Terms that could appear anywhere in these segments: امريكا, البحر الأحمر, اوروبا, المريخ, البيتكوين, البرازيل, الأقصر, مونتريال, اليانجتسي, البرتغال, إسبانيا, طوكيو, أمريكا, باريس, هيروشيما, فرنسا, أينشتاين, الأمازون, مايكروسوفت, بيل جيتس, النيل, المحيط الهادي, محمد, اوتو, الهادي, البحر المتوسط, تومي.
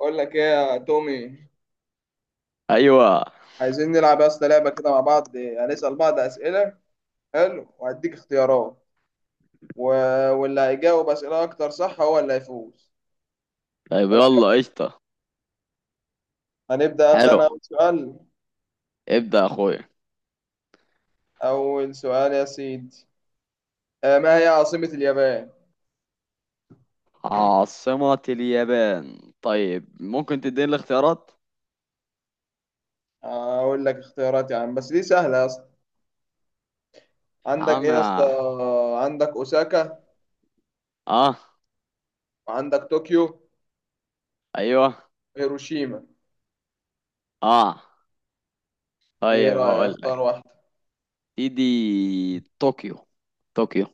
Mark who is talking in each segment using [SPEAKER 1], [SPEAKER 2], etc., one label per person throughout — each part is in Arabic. [SPEAKER 1] بقول لك ايه يا تومي.
[SPEAKER 2] ايوه.
[SPEAKER 1] عايزين نلعب يا اسطى لعبه كده مع بعض، هنسال بعض اسئله. حلو وهديك اختيارات. و... واللي هيجاوب اسئله اكتر صح هو اللي هيفوز.
[SPEAKER 2] طيب،
[SPEAKER 1] إيه رأيك؟
[SPEAKER 2] يلا قشطة.
[SPEAKER 1] ابدا
[SPEAKER 2] حلو.
[SPEAKER 1] انا اول سؤال.
[SPEAKER 2] ابدأ يا اخويا.
[SPEAKER 1] اول سؤال يا سيدي. ما هي عاصمه اليابان؟
[SPEAKER 2] عاصمة اليابان؟ طيب، ممكن تديني الاختيارات؟
[SPEAKER 1] اقول لك اختيارات يا عم بس دي سهله يا اسطى.
[SPEAKER 2] يا
[SPEAKER 1] عندك ايه
[SPEAKER 2] عم.
[SPEAKER 1] يا اسطى؟ عندك اوساكا،
[SPEAKER 2] اه.
[SPEAKER 1] وعندك طوكيو،
[SPEAKER 2] ايوه.
[SPEAKER 1] هيروشيما.
[SPEAKER 2] اه.
[SPEAKER 1] ايه
[SPEAKER 2] طيب
[SPEAKER 1] رايك،
[SPEAKER 2] هقول لك.
[SPEAKER 1] اختار واحده.
[SPEAKER 2] دي. طوكيو. طوكيو.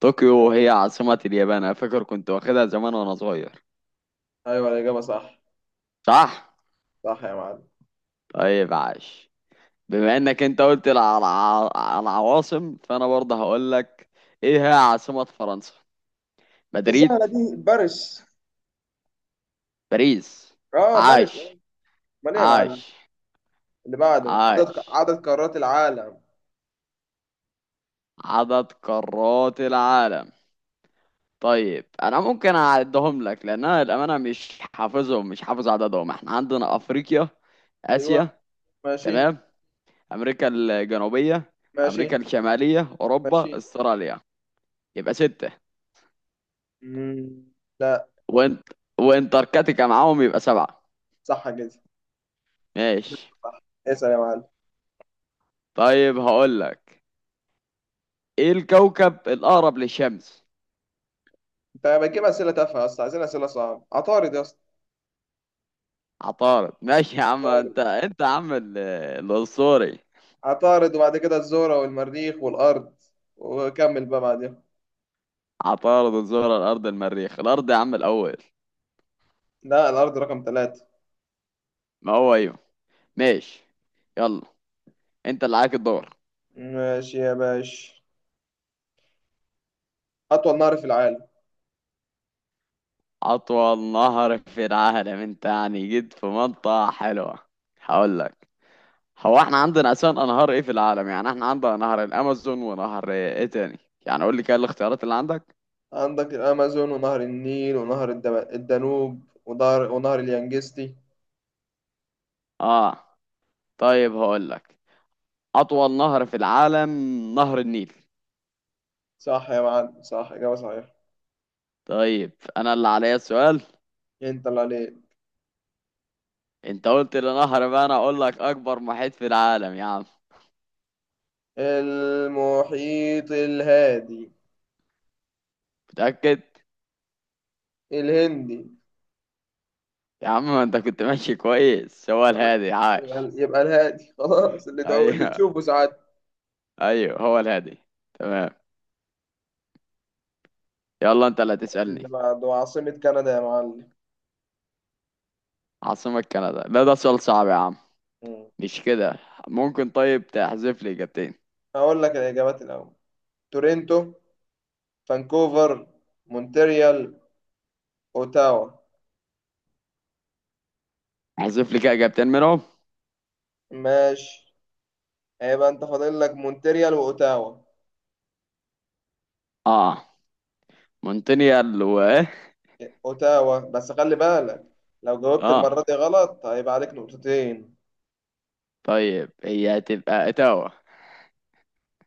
[SPEAKER 2] طوكيو هي
[SPEAKER 1] ايوه.
[SPEAKER 2] عاصمة اليابان، انا فاكر كنت واخدها زمان وانا صغير.
[SPEAKER 1] أيوة، الاجابه صح.
[SPEAKER 2] صح.
[SPEAKER 1] صح يا معلم.
[SPEAKER 2] طيب عاش. بما انك انت قلت العواصم، فانا برضه هقول لك، ايه هي عاصمة فرنسا؟
[SPEAKER 1] دي سهله
[SPEAKER 2] مدريد.
[SPEAKER 1] دي. باريس.
[SPEAKER 2] باريس.
[SPEAKER 1] اه باريس
[SPEAKER 2] عاش.
[SPEAKER 1] آه. امال ايه يا معلم؟
[SPEAKER 2] عاش.
[SPEAKER 1] اللي بعده، عدد
[SPEAKER 2] عاش.
[SPEAKER 1] عدد قارات العالم.
[SPEAKER 2] عدد قارات العالم. طيب انا ممكن اعدهم لك، لان انا الامانه مش حافظهم، مش حافظ عددهم. احنا عندنا افريقيا،
[SPEAKER 1] ايوه.
[SPEAKER 2] اسيا،
[SPEAKER 1] ماشي
[SPEAKER 2] تمام، امريكا الجنوبيه،
[SPEAKER 1] ماشي
[SPEAKER 2] امريكا الشماليه، اوروبا،
[SPEAKER 1] ماشي.
[SPEAKER 2] استراليا، يبقى ستة.
[SPEAKER 1] مم. لا.
[SPEAKER 2] وانت. وانتاركتيكا معاهم يبقى سبعة.
[SPEAKER 1] صح كده.
[SPEAKER 2] ماشي.
[SPEAKER 1] صح. اسال يا معلم.
[SPEAKER 2] طيب هقول لك، ايه الكوكب الاقرب للشمس؟
[SPEAKER 1] انت بتجيب اسئله تافهه اصلا، عايزين اسئله صعبه. عطارد يا اسطى.
[SPEAKER 2] عطارد، ماشي يا عم.
[SPEAKER 1] عطارد.
[SPEAKER 2] انت يا عم الاسطوري.
[SPEAKER 1] عطارد وبعد كده الزهره والمريخ والارض. وكمل بقى بعدين.
[SPEAKER 2] عطارد، الزهرة، الأرض، المريخ. الأرض يا عم الأول.
[SPEAKER 1] لا، الارض رقم ثلاثة.
[SPEAKER 2] ما هو أيوه. ماشي. يلا، أنت اللي عليك الدور.
[SPEAKER 1] ماشي يا باشا. اطول نهر في العالم.
[SPEAKER 2] أطول نهر في العالم؟ أنت يعني جيت في منطقة حلوة. هقول لك، هو احنا عندنا أساسا أنهار إيه في العالم؟ يعني احنا عندنا نهر الأمازون، ونهر إيه تاني؟ يعني قول لي كده الاختيارات اللي عندك.
[SPEAKER 1] عندك الامازون ونهر النيل ونهر الدانوب ونهر اليانجستي.
[SPEAKER 2] آه. طيب هقول لك، أطول نهر في العالم نهر النيل.
[SPEAKER 1] صح يا معلم، صح، إجابة صحيحة.
[SPEAKER 2] طيب، أنا اللي عليا السؤال.
[SPEAKER 1] انت اللي عليك.
[SPEAKER 2] أنت قلت لي نهر، بقى أنا أقول لك، أكبر محيط في العالم يا عم.
[SPEAKER 1] المحيط الهادي.
[SPEAKER 2] متأكد؟
[SPEAKER 1] الهندي.
[SPEAKER 2] يا عم ما انت كنت ماشي كويس، هو
[SPEAKER 1] خلاص.
[SPEAKER 2] الهادي.
[SPEAKER 1] يبقى
[SPEAKER 2] عاش.
[SPEAKER 1] يبقى الهادي خلاص، اللي
[SPEAKER 2] ايوه،
[SPEAKER 1] تشوفه ساعات.
[SPEAKER 2] ايوه هو الهادي. تمام. يلا انت اللي
[SPEAKER 1] اللي
[SPEAKER 2] هتسألني.
[SPEAKER 1] بعده عاصمة كندا يا معلم.
[SPEAKER 2] عاصمة كندا؟ لا، ده سؤال صعب يا عم.
[SPEAKER 1] مم.
[SPEAKER 2] مش كده. ممكن طيب تحذف لي اجابتين؟
[SPEAKER 1] هقول لك الإجابات الأول. تورنتو، فانكوفر، مونتريال، أوتاوا.
[SPEAKER 2] احذف لي كده اجابتين منهم.
[SPEAKER 1] ماشي. هيبقى أنت فاضل لك مونتريال وأوتاوا.
[SPEAKER 2] اه. مونتريال و.
[SPEAKER 1] أوتاوا، بس خلي بالك، لو جاوبت
[SPEAKER 2] اه.
[SPEAKER 1] المرة دي غلط هيبقى عليك نقطتين.
[SPEAKER 2] طيب هي هتبقى اتاوا.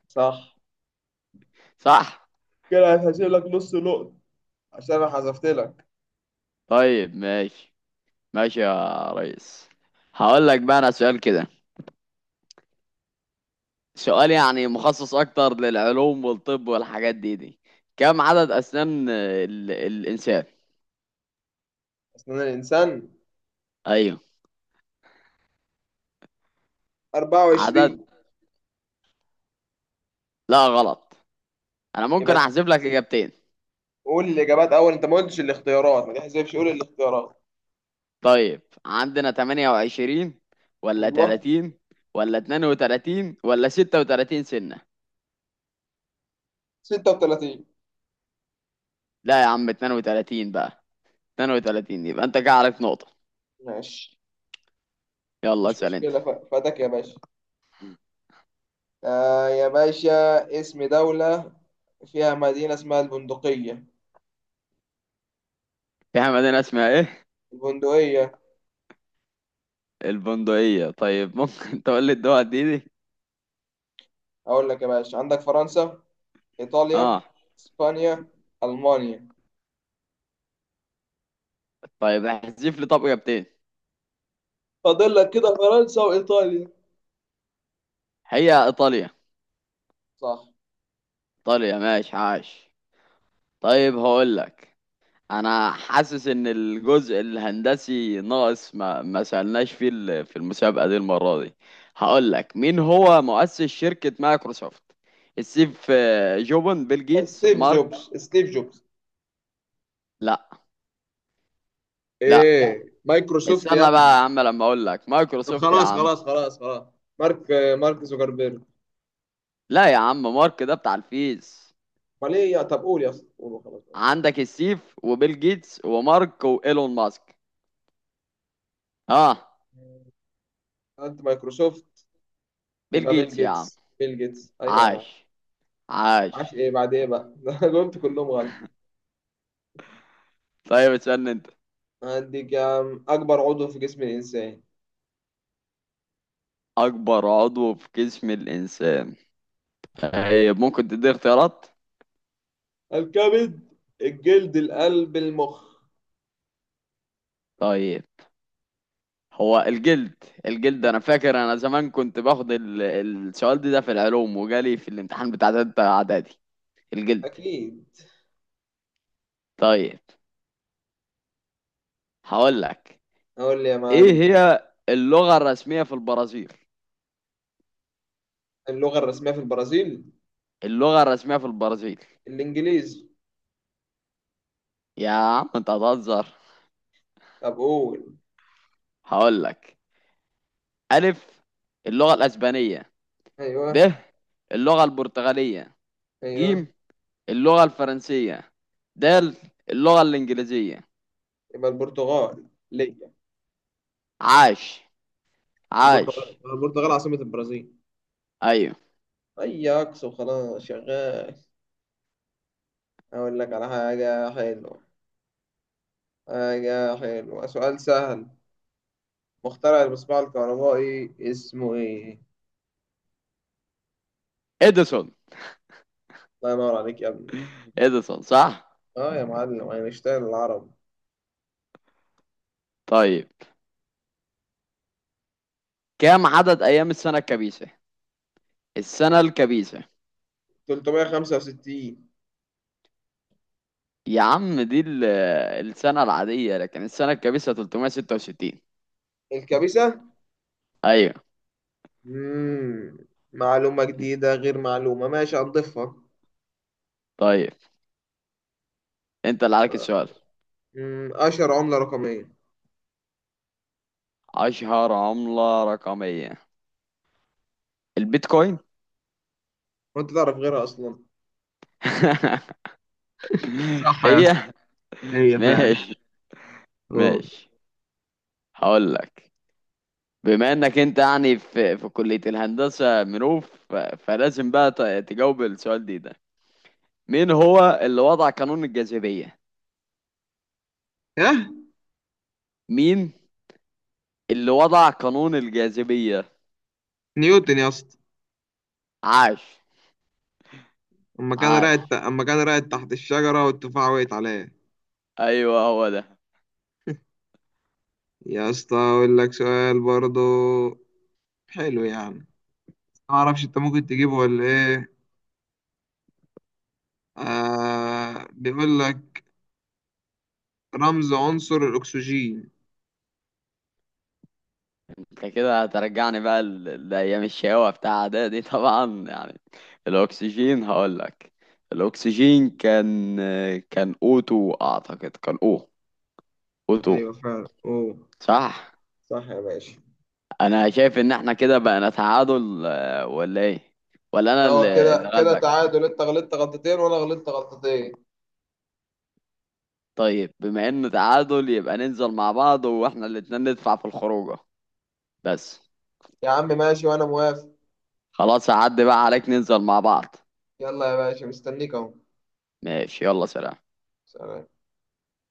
[SPEAKER 1] صح،
[SPEAKER 2] صح.
[SPEAKER 1] كده هتحسب لك نص نقطة عشان أنا حذفت لك.
[SPEAKER 2] طيب ماشي. ماشي يا ريس. هقول لك بقى انا سؤال كده. سؤال يعني مخصص اكتر للعلوم والطب والحاجات دي. كم عدد اسنان الانسان؟
[SPEAKER 1] اصلا الانسان.
[SPEAKER 2] ايوه. عدد.
[SPEAKER 1] 24.
[SPEAKER 2] لا غلط. انا ممكن
[SPEAKER 1] يبقى
[SPEAKER 2] احذف لك اجابتين.
[SPEAKER 1] قول الاجابات اول، انت ما قلتش الاختيارات ما تحسبش، قول الاختيارات.
[SPEAKER 2] طيب عندنا 28 ولا
[SPEAKER 1] ايوه.
[SPEAKER 2] 30 ولا 32 ولا 36 سنة؟
[SPEAKER 1] 36.
[SPEAKER 2] لا يا عم 32 بقى. 32 يبقى انت كده عليك نقطة.
[SPEAKER 1] ماشي.
[SPEAKER 2] يلا
[SPEAKER 1] مش
[SPEAKER 2] اسأل انت.
[SPEAKER 1] مشكله، فاتك يا باشا. آه يا باشا، اسم دوله فيها مدينه اسمها البندقيه.
[SPEAKER 2] في مدينة اسمها ايه؟
[SPEAKER 1] البندقيه.
[SPEAKER 2] البندقية. طيب ممكن تقول لي الدول دي؟
[SPEAKER 1] اقول لك يا باشا، عندك فرنسا، ايطاليا،
[SPEAKER 2] اه.
[SPEAKER 1] اسبانيا، المانيا.
[SPEAKER 2] طيب احذف لي طب اجابتين.
[SPEAKER 1] فاضل لك كده فرنسا وايطاليا.
[SPEAKER 2] هي ايطاليا.
[SPEAKER 1] صح.
[SPEAKER 2] ايطاليا ماشي. عاش. طيب هقول لك. انا حاسس ان الجزء الهندسي ناقص، ما سألناش فيه في المسابقة دي المرة دي. هقول لك، مين هو مؤسس شركة مايكروسوفت؟ ستيف، جوبن، بيل جيتس،
[SPEAKER 1] ستيف
[SPEAKER 2] مارك.
[SPEAKER 1] جوبز ستيف جوبز.
[SPEAKER 2] لا. لا،
[SPEAKER 1] ايه، مايكروسوفت يا
[SPEAKER 2] استنى بقى
[SPEAKER 1] ابني.
[SPEAKER 2] يا عم لما اقول لك،
[SPEAKER 1] طب
[SPEAKER 2] مايكروسوفت يا
[SPEAKER 1] خلاص
[SPEAKER 2] عم.
[SPEAKER 1] خلاص خلاص خلاص. مارك. مارك زوكربيرج.
[SPEAKER 2] لا يا عم، مارك ده بتاع الفيس.
[SPEAKER 1] امال ايه، يا طب قول يا اسطى، قول وخلاص.
[SPEAKER 2] عندك ستيف وبيل جيتس ومارك وايلون ماسك. اه،
[SPEAKER 1] انت مايكروسوفت.
[SPEAKER 2] بيل
[SPEAKER 1] يبقى بيل
[SPEAKER 2] جيتس يا عم.
[SPEAKER 1] جيتس بيل جيتس، ايوه يا معلم.
[SPEAKER 2] عاش. عاش.
[SPEAKER 1] معرفش ايه بعد ايه بقى ده أنا جاوبت كلهم غلط.
[SPEAKER 2] طيب اسألني انت.
[SPEAKER 1] عندك يا عم، اكبر عضو في جسم الانسان.
[SPEAKER 2] اكبر عضو في جسم الانسان. طيب ممكن تدي اختيارات؟
[SPEAKER 1] الكبد، الجلد، القلب، المخ.
[SPEAKER 2] طيب هو الجلد. الجلد، انا فاكر انا زمان كنت باخد السؤال ده, ده في العلوم وجالي في الامتحان بتاع تالتة اعدادي. الجلد.
[SPEAKER 1] اكيد.
[SPEAKER 2] طيب هقول لك،
[SPEAKER 1] اقول لي يا
[SPEAKER 2] ايه
[SPEAKER 1] معلم.
[SPEAKER 2] هي اللغة الرسمية في البرازيل؟
[SPEAKER 1] اللغة الرسمية في البرازيل.
[SPEAKER 2] اللغة الرسمية في البرازيل.
[SPEAKER 1] الانجليزي.
[SPEAKER 2] يا عم انت هتهزر.
[SPEAKER 1] طب قول.
[SPEAKER 2] هقول لك. الف، اللغة الاسبانية.
[SPEAKER 1] ايوه.
[SPEAKER 2] ب، اللغة البرتغالية.
[SPEAKER 1] ايوه.
[SPEAKER 2] ج، اللغة الفرنسية. دال، اللغة الإنجليزية.
[SPEAKER 1] يبقى البرتغال ليا.
[SPEAKER 2] عاش.
[SPEAKER 1] مش البرتغال،
[SPEAKER 2] عاش.
[SPEAKER 1] البرتغال عاصمة البرازيل.
[SPEAKER 2] أيوه.
[SPEAKER 1] اي عكس وخلاص شغال. اقول لك على حاجة حلوة. حاجة حلوة سؤال سهل. مخترع المصباح الكهربائي اسمه ايه؟
[SPEAKER 2] إديسون.
[SPEAKER 1] الله ينور عليك يا ابني.
[SPEAKER 2] إديسون صح.
[SPEAKER 1] اه يا معلم، اينشتاين العرب.
[SPEAKER 2] طيب، كم عدد أيام السنة الكبيسة؟ السنة الكبيسة،
[SPEAKER 1] 365.
[SPEAKER 2] يا عم دي السنة العادية، لكن السنة الكبيسة 366.
[SPEAKER 1] الكبسة.
[SPEAKER 2] أيوه.
[SPEAKER 1] مم. معلومة جديدة غير معلومة، ماشي هنضيفها.
[SPEAKER 2] طيب أنت اللي عليك السؤال.
[SPEAKER 1] مم. اشهر عملة رقمية.
[SPEAKER 2] أشهر عملة رقمية. البيتكوين.
[SPEAKER 1] وانت تعرف غيرها اصلا؟ صح يا
[SPEAKER 2] هي.
[SPEAKER 1] اسطى. هي فعلا.
[SPEAKER 2] ماشي.
[SPEAKER 1] اه.
[SPEAKER 2] ماشي. هقول لك، بما انك انت يعني في كلية الهندسة منوف، فلازم بقى تجاوب السؤال ده. مين هو اللي وضع قانون الجاذبية؟
[SPEAKER 1] ايه.
[SPEAKER 2] مين اللي وضع قانون الجاذبية؟
[SPEAKER 1] نيوتن يا اسطى.
[SPEAKER 2] عاش.
[SPEAKER 1] اما كان
[SPEAKER 2] عاش.
[SPEAKER 1] راقد اما كان راقد تحت الشجرة والتفاحة وقعت عليه.
[SPEAKER 2] ايوه هو ده.
[SPEAKER 1] يا اسطى، اقول لك سؤال برضو. حلو يعني. ما اعرفش انت ممكن تجيبه ولا ايه. بيقول لك، رمز عنصر الاكسجين.
[SPEAKER 2] انت كده هترجعني بقى لايام الشقاوة بتاع اعدادي طبعا يعني. الاكسجين. هقول لك، الاكسجين كان، كان اوتو اعتقد. كان او. اوتو.
[SPEAKER 1] ايوه فعلا، اوه.
[SPEAKER 2] صح.
[SPEAKER 1] صح يا باشا.
[SPEAKER 2] انا شايف ان احنا كده بقى نتعادل، ولا ايه؟ ولا انا
[SPEAKER 1] هو
[SPEAKER 2] اللي
[SPEAKER 1] كده
[SPEAKER 2] اللي
[SPEAKER 1] كده
[SPEAKER 2] غلبك؟
[SPEAKER 1] تعادل، انت غلطت غلطتين وانا غلطت غلطتين.
[SPEAKER 2] طيب بما انه تعادل يبقى ننزل مع بعض واحنا الاتنين ندفع في الخروجه بس.
[SPEAKER 1] يا عم ماشي، وانا موافق.
[SPEAKER 2] خلاص هعدي بقى عليك، ننزل مع بعض.
[SPEAKER 1] يلا يا باشا، مستنيك اهو.
[SPEAKER 2] ماشي يلا، سلام.
[SPEAKER 1] سلام.